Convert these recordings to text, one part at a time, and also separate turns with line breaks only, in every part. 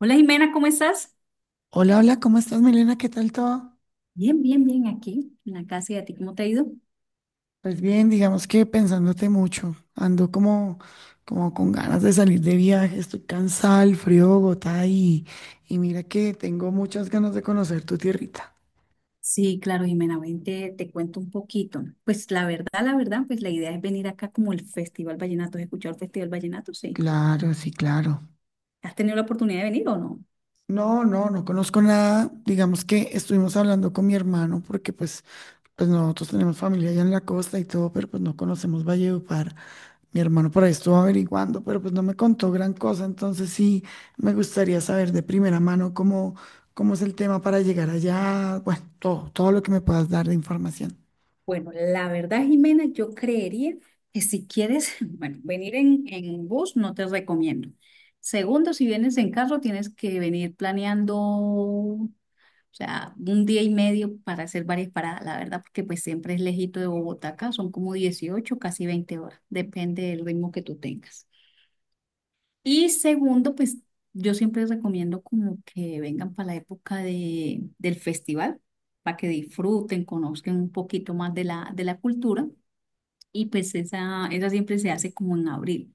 Hola, Jimena, ¿cómo estás?
Hola, hola, ¿cómo estás, Milena? ¿Qué tal todo?
Bien, bien, bien, aquí en la casa. Y a ti, ¿cómo te ha ido?
Pues bien, digamos que pensándote mucho. Ando como, como con ganas de salir de viaje, estoy cansada, el frío de Bogotá y mira que tengo muchas ganas de conocer tu tierrita.
Sí, claro, Jimena, ven, te cuento un poquito. Pues la verdad, la idea es venir acá como el Festival Vallenato. ¿Has escuchado el Festival Vallenato? Sí.
Claro, sí, claro.
¿Has tenido la oportunidad de venir o no?
No, no, no conozco nada. Digamos que estuvimos hablando con mi hermano porque nosotros tenemos familia allá en la costa y todo, pero pues no conocemos Valledupar. Mi hermano por ahí estuvo averiguando, pero pues no me contó gran cosa, entonces sí me gustaría saber de primera mano cómo, cómo es el tema para llegar allá, bueno, todo, todo lo que me puedas dar de información.
Bueno, la verdad, Jimena, yo creería que si quieres, bueno, venir en bus no te recomiendo. Segundo, si vienes en carro, tienes que venir planeando, o sea, un día y medio para hacer varias paradas, la verdad, porque pues siempre es lejito de Bogotá acá, son como dieciocho, casi 20 horas, depende del ritmo que tú tengas. Y segundo, pues yo siempre recomiendo como que vengan para la época del festival, para que disfruten, conozcan un poquito más de la cultura. Y pues esa siempre se hace como en abril,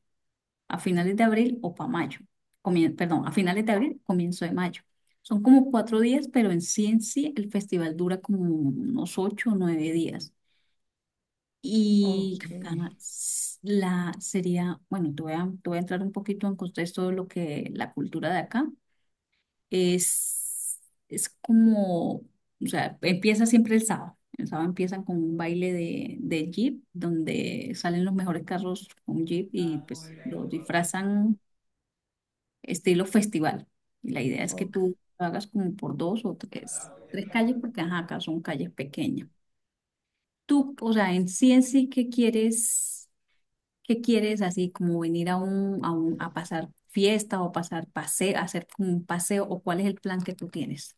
a finales de abril o para mayo. A finales de abril, comienzo de mayo. Son como cuatro días, pero en sí el festival dura como unos ocho o nueve días. Y
Ok,
acá s- la sería, bueno, te voy a entrar un poquito en contexto de lo que la cultura de acá es, es como, o sea, empieza siempre el sábado. El sábado empiezan con un baile de jeep, donde salen los mejores carros con jeep y pues los disfrazan estilo festival. Y la idea es que
ok.
tú lo hagas como por dos o tres calles, porque ajá, acá son calles pequeñas. Tú, o sea, en sí, qué quieres así como venir a pasar fiesta o pasar paseo, hacer como un paseo, o cuál es el plan que tú tienes?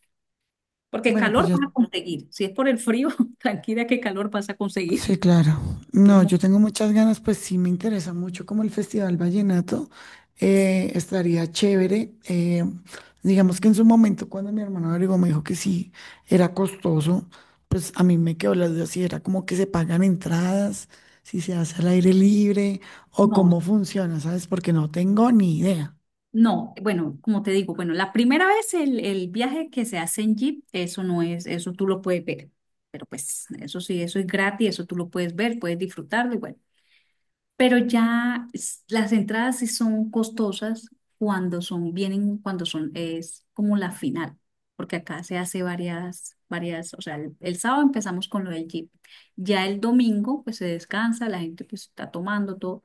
Porque
Bueno, pues
calor
yo
vas a conseguir. Si es por el frío, tranquila, que calor vas a conseguir.
sí, claro.
Y es
No,
mo-
yo tengo muchas ganas, pues sí me interesa mucho como el Festival Vallenato. Estaría chévere. Digamos que en su momento, cuando mi hermano averiguó, me dijo que sí, era costoso, pues a mí me quedó la duda si era como que se pagan entradas, si se hace al aire libre o cómo
No.
funciona, ¿sabes? Porque no tengo ni idea.
No, bueno, como te digo, bueno, la primera vez el viaje que se hace en Jeep, eso no es, eso tú lo puedes ver, pero pues eso sí, eso es gratis, eso tú lo puedes ver, puedes disfrutarlo y bueno. Pero las entradas sí son costosas cuando son, vienen cuando son, es como la final, porque acá se hace varias, o sea, el sábado empezamos con lo del Jeep, ya el domingo pues se descansa, la gente pues está tomando todo,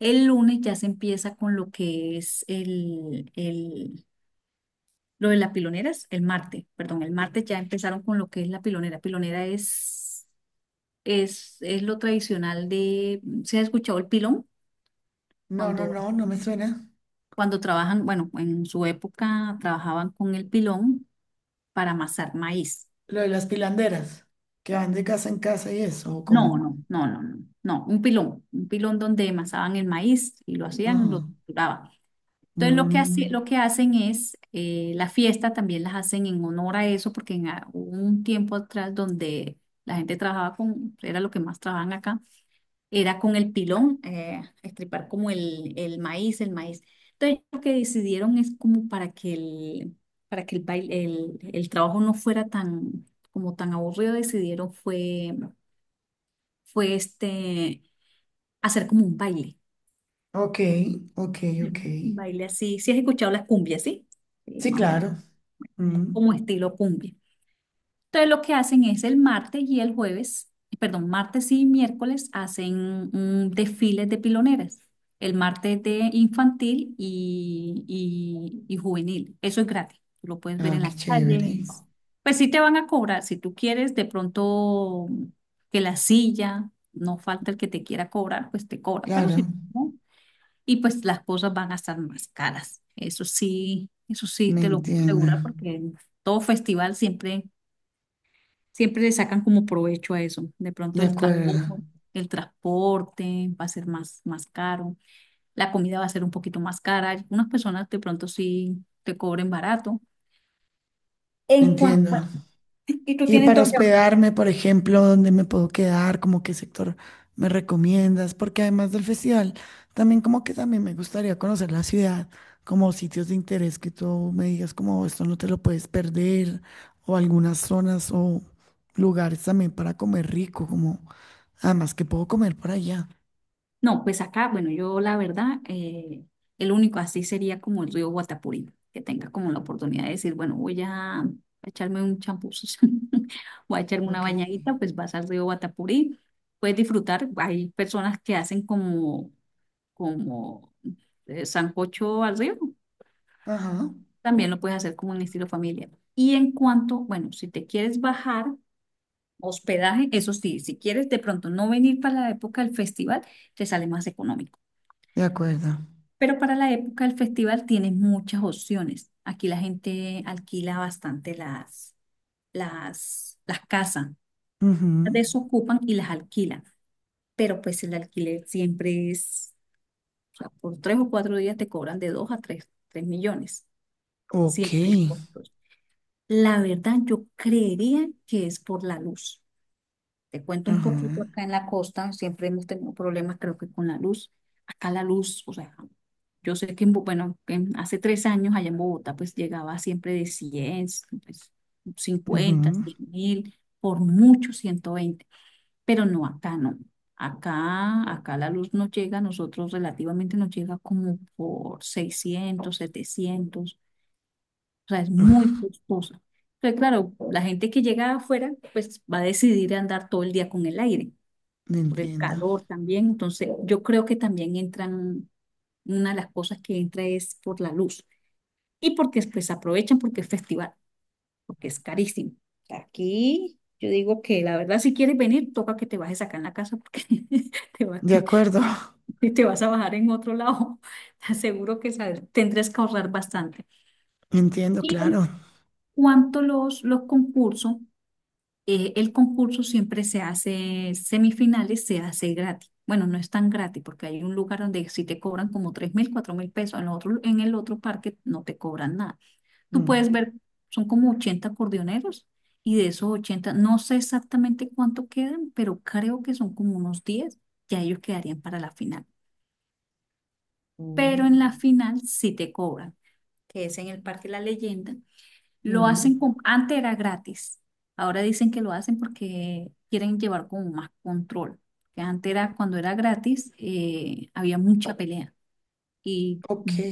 el lunes ya se empieza con lo que es lo de las piloneras, el martes ya empezaron con lo que es la pilonera. Pilonera es lo tradicional de, ¿se ha escuchado el pilón?
No, no,
cuando
no, no me suena.
Cuando trabajan, bueno, en su época trabajaban con el pilón para amasar maíz.
Lo de las pilanderas, que van de casa en casa y eso, ¿o
No,
cómo?
no, no, no, no, no, un pilón donde amasaban el maíz y lo hacían, lo
Ajá.
torturaban. Entonces lo
Mm.
que hacen es, la fiesta también las hacen en honor a eso, porque hubo un tiempo atrás donde la gente trabajaba con, era lo que más trabajaban acá, era con el pilón, estripar como el maíz, el maíz. Entonces, lo que decidieron es como para que el baile, el trabajo no fuera tan, como tan aburrido, decidieron fue este, hacer como
Ok, ok, ok.
un baile así. Si has escuchado las cumbias, ¿sí? Sí,
Sí,
más o menos,
claro. Mm.
como estilo cumbia. Entonces lo que hacen es el martes y el jueves, perdón, martes y miércoles hacen un desfile de piloneras. El martes de infantil y juvenil. Eso es gratis. Tú lo puedes ver
Ah,
en
qué
la calle.
chévere.
Pues sí te van a cobrar. Si tú quieres de pronto que la silla, no falta el que te quiera cobrar, pues te cobra. Pero
Claro,
si no, y pues las cosas van a estar más caras. Eso sí
me
te lo puedo
entiendo.
asegurar, porque todo festival siempre siempre le sacan como provecho a eso. De
De
pronto el
acuerdo,
transporte, el transporte va a ser más, más caro, la comida va a ser un poquito más cara. Algunas personas de pronto sí te cobren barato.
me
En cuanto, bueno,
entiendo.
¿y tú
Y
tienes
para
dónde?
hospedarme, por ejemplo, ¿dónde me puedo quedar? ¿Cómo qué sector me recomiendas? Porque además del festival, también como que también me gustaría conocer la ciudad, como sitios de interés que tú me digas como esto no te lo puedes perder, o algunas zonas o lugares también para comer rico, como además que puedo comer por allá.
No, pues acá, bueno, yo la verdad, el único así sería como el río Guatapurí, que tenga como la oportunidad de decir, bueno, voy a echarme un champús, voy a echarme una
Ok.
bañadita, pues vas al río Guatapurí, puedes disfrutar. Hay personas que hacen como sancocho al río,
Ajá.
también lo puedes hacer como un estilo familia. Y en cuanto, bueno, si te quieres bajar, hospedaje, eso sí, si quieres de pronto no venir para la época del festival, te sale más económico.
De acuerdo.
Pero para la época del festival tienes muchas opciones. Aquí la gente alquila bastante las casas, las
Ujú.
desocupan y las alquilan. Pero pues el alquiler siempre es, o sea, por tres o cuatro días te cobran de dos a tres millones.
Ok.
Siempre cortos. La verdad, yo creería que es por la luz. Te cuento un
Ajá.
poquito, acá en la costa, siempre hemos tenido problemas, creo que con la luz. Acá la luz, o sea, yo sé que, en Bo- bueno, en- hace tres años allá en Bogotá, pues llegaba siempre de cien, pues, 50,
Ujú.
100 mil, por mucho ciento veinte, pero no, acá no. Acá la luz nos llega, a nosotros relativamente nos llega como por seiscientos, setecientos, o sea, es muy costosa. Entonces, claro, la gente que llega de afuera pues va a decidir andar todo el día con el aire, por el
Entiendo.
calor también. Entonces, yo creo que también entran, una de las cosas que entra es por la luz. Y porque pues aprovechan porque es festival, porque es carísimo. Aquí yo digo que, la verdad, si quieres venir, toca que te bajes acá en la casa, porque te va-
De acuerdo.
que te vas a bajar en otro lado. Te aseguro que sabes, tendrás que ahorrar bastante.
Entiendo,
Y en
claro.
cuanto a los concursos, el concurso siempre se hace, semifinales se hace gratis. Bueno, no es tan gratis porque hay un lugar donde si te cobran como 3 mil, 4 mil pesos, en el otro parque no te cobran nada. Tú
Mm.
puedes ver, son como 80 acordeoneros y de esos 80 no sé exactamente cuánto quedan, pero creo que son como unos diez. Ya ellos quedarían para la final. Pero en la
Mm.
final sí te cobran, que es en el Parque La Leyenda. Lo hacen
Mm.
con, antes era gratis, ahora dicen que lo hacen porque quieren llevar como más control. Que antes era, cuando era gratis, había mucha pelea y
Ok.
m-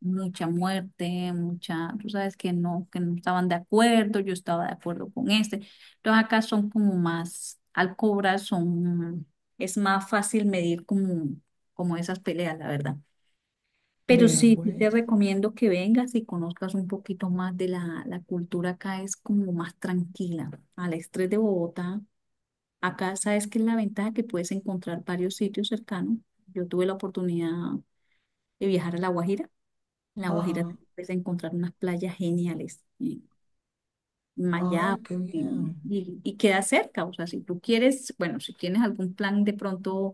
mucha muerte, mucha, tú sabes que no estaban de acuerdo, yo estaba de acuerdo con este. Entonces acá son como más, al cobrar son, es más fácil medir como, como esas peleas, la verdad. Pero
Vea
sí, sí
pues.
te recomiendo que vengas y conozcas un poquito más de la cultura acá, es como más tranquila. Al estrés de Bogotá, acá sabes que es la ventaja, que puedes encontrar varios sitios cercanos. Yo tuve la oportunidad de viajar a La Guajira. En La Guajira
Ajá.
también puedes encontrar unas playas geniales, en
Ay,
Mayap,
qué bien.
y queda cerca. O sea, si tú quieres, bueno, si tienes algún plan de pronto,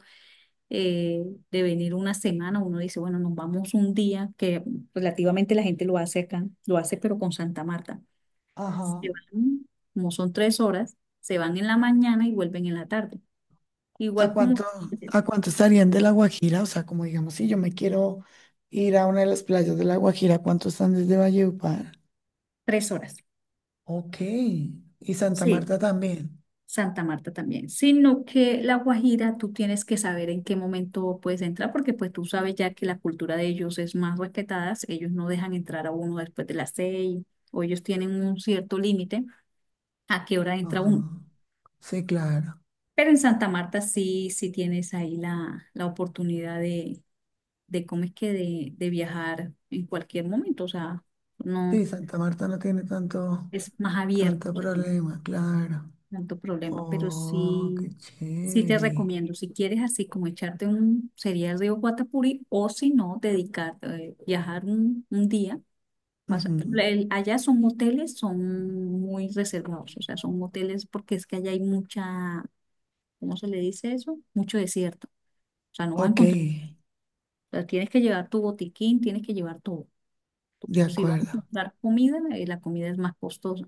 eh, de venir una semana, uno dice, bueno, nos vamos un día, que relativamente la gente lo hace acá, lo hace pero con Santa Marta. Se
Ajá.
van, como son tres horas, se van en la mañana y vuelven en la tarde.
¿A
Igual como
cuánto, a cuánto estarían de La Guajira? O sea, como digamos, si yo me quiero ir a una de las playas de La Guajira, ¿cuánto están desde Valledupar?
tres horas.
Ok. Y Santa
Sí,
Marta también.
Santa Marta también. Sino que La Guajira, tú tienes que saber en qué momento puedes entrar, porque pues tú sabes ya que la cultura de ellos es más respetada, ellos no dejan entrar a uno después de las seis, o ellos tienen un cierto límite a qué hora entra
Ajá.
uno.
Sí, claro.
Pero en Santa Marta sí, sí tienes ahí la oportunidad de ¿cómo es que? De viajar en cualquier momento, o sea, no,
Sí, Santa Marta no tiene tanto,
es más
tanto
abierto, sin
problema, claro.
tanto problema, pero
Oh,
sí,
qué
sí te
chévere.
recomiendo, si quieres así como echarte un, sería el río Guatapuri, o si no, dedicar, viajar un día.
Ujú.
Allá son moteles, son muy reservados, o sea, son moteles porque es que allá hay mucha, ¿cómo se le dice eso? Mucho desierto. O sea, no vas a
Ok,
encontrar, o sea, tienes que llevar tu botiquín, tienes que llevar todo.
de
Si vas a
acuerdo.
comprar comida, la comida es más costosa.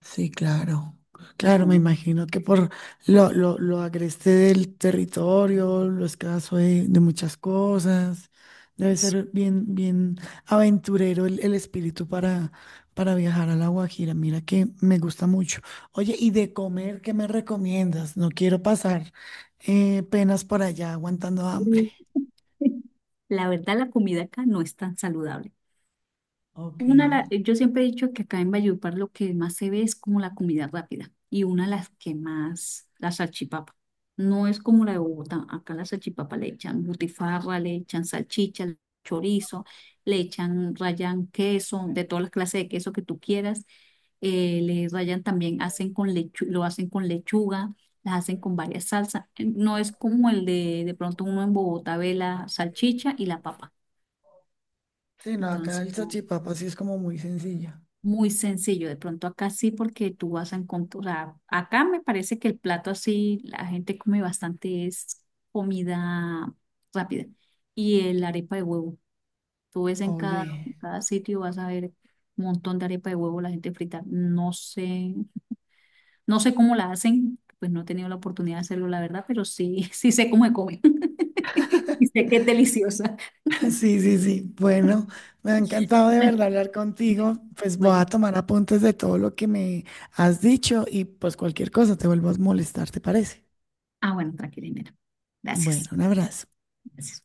Sí, claro.
La
Claro, me
comida.
imagino que por lo agreste del territorio, lo escaso de muchas cosas, debe
es-
ser bien, bien aventurero el espíritu para viajar a La Guajira. Mira que me gusta mucho. Oye, ¿y de comer qué me recomiendas? No quiero pasar penas por allá aguantando hambre.
La verdad, la comida acá no es tan saludable.
Ok.
Yo siempre he dicho que acá en Valledupar lo que más se ve es como la comida rápida, y una de las que más, la salchipapa. No es como la de Bogotá, acá la salchipapa le echan butifarra, le echan salchicha, chorizo, le echan, rayan queso, de todas las clases de queso que tú quieras. Le rayan también, hacen con lo hacen con lechuga, las hacen con varias salsas. No es como el de pronto uno en Bogotá ve la salchicha y la papa.
Sí, no, acá
Entonces,
el
no.
salchipapa sí es como muy sencilla.
Muy sencillo, de pronto acá sí, porque tú vas a encontrar, o sea, acá me parece que el plato así, la gente come bastante es comida rápida. Y el arepa de huevo, tú ves en
Oye.
cada sitio, vas a ver un montón de arepa de huevo, la gente frita. No sé, no sé cómo la hacen, pues no he tenido la oportunidad de hacerlo, la verdad, pero sí, sí sé cómo se come. Y sé que es deliciosa.
Sí, sí, sí. Bueno, me ha encantado de
Bueno,
verdad hablar contigo. Pues voy
pues,
a tomar apuntes de todo lo que me has dicho y pues cualquier cosa te vuelvo a molestar, ¿te parece?
ah, bueno, tranquila, Inés.
Bueno,
Gracias.
un abrazo.
Gracias.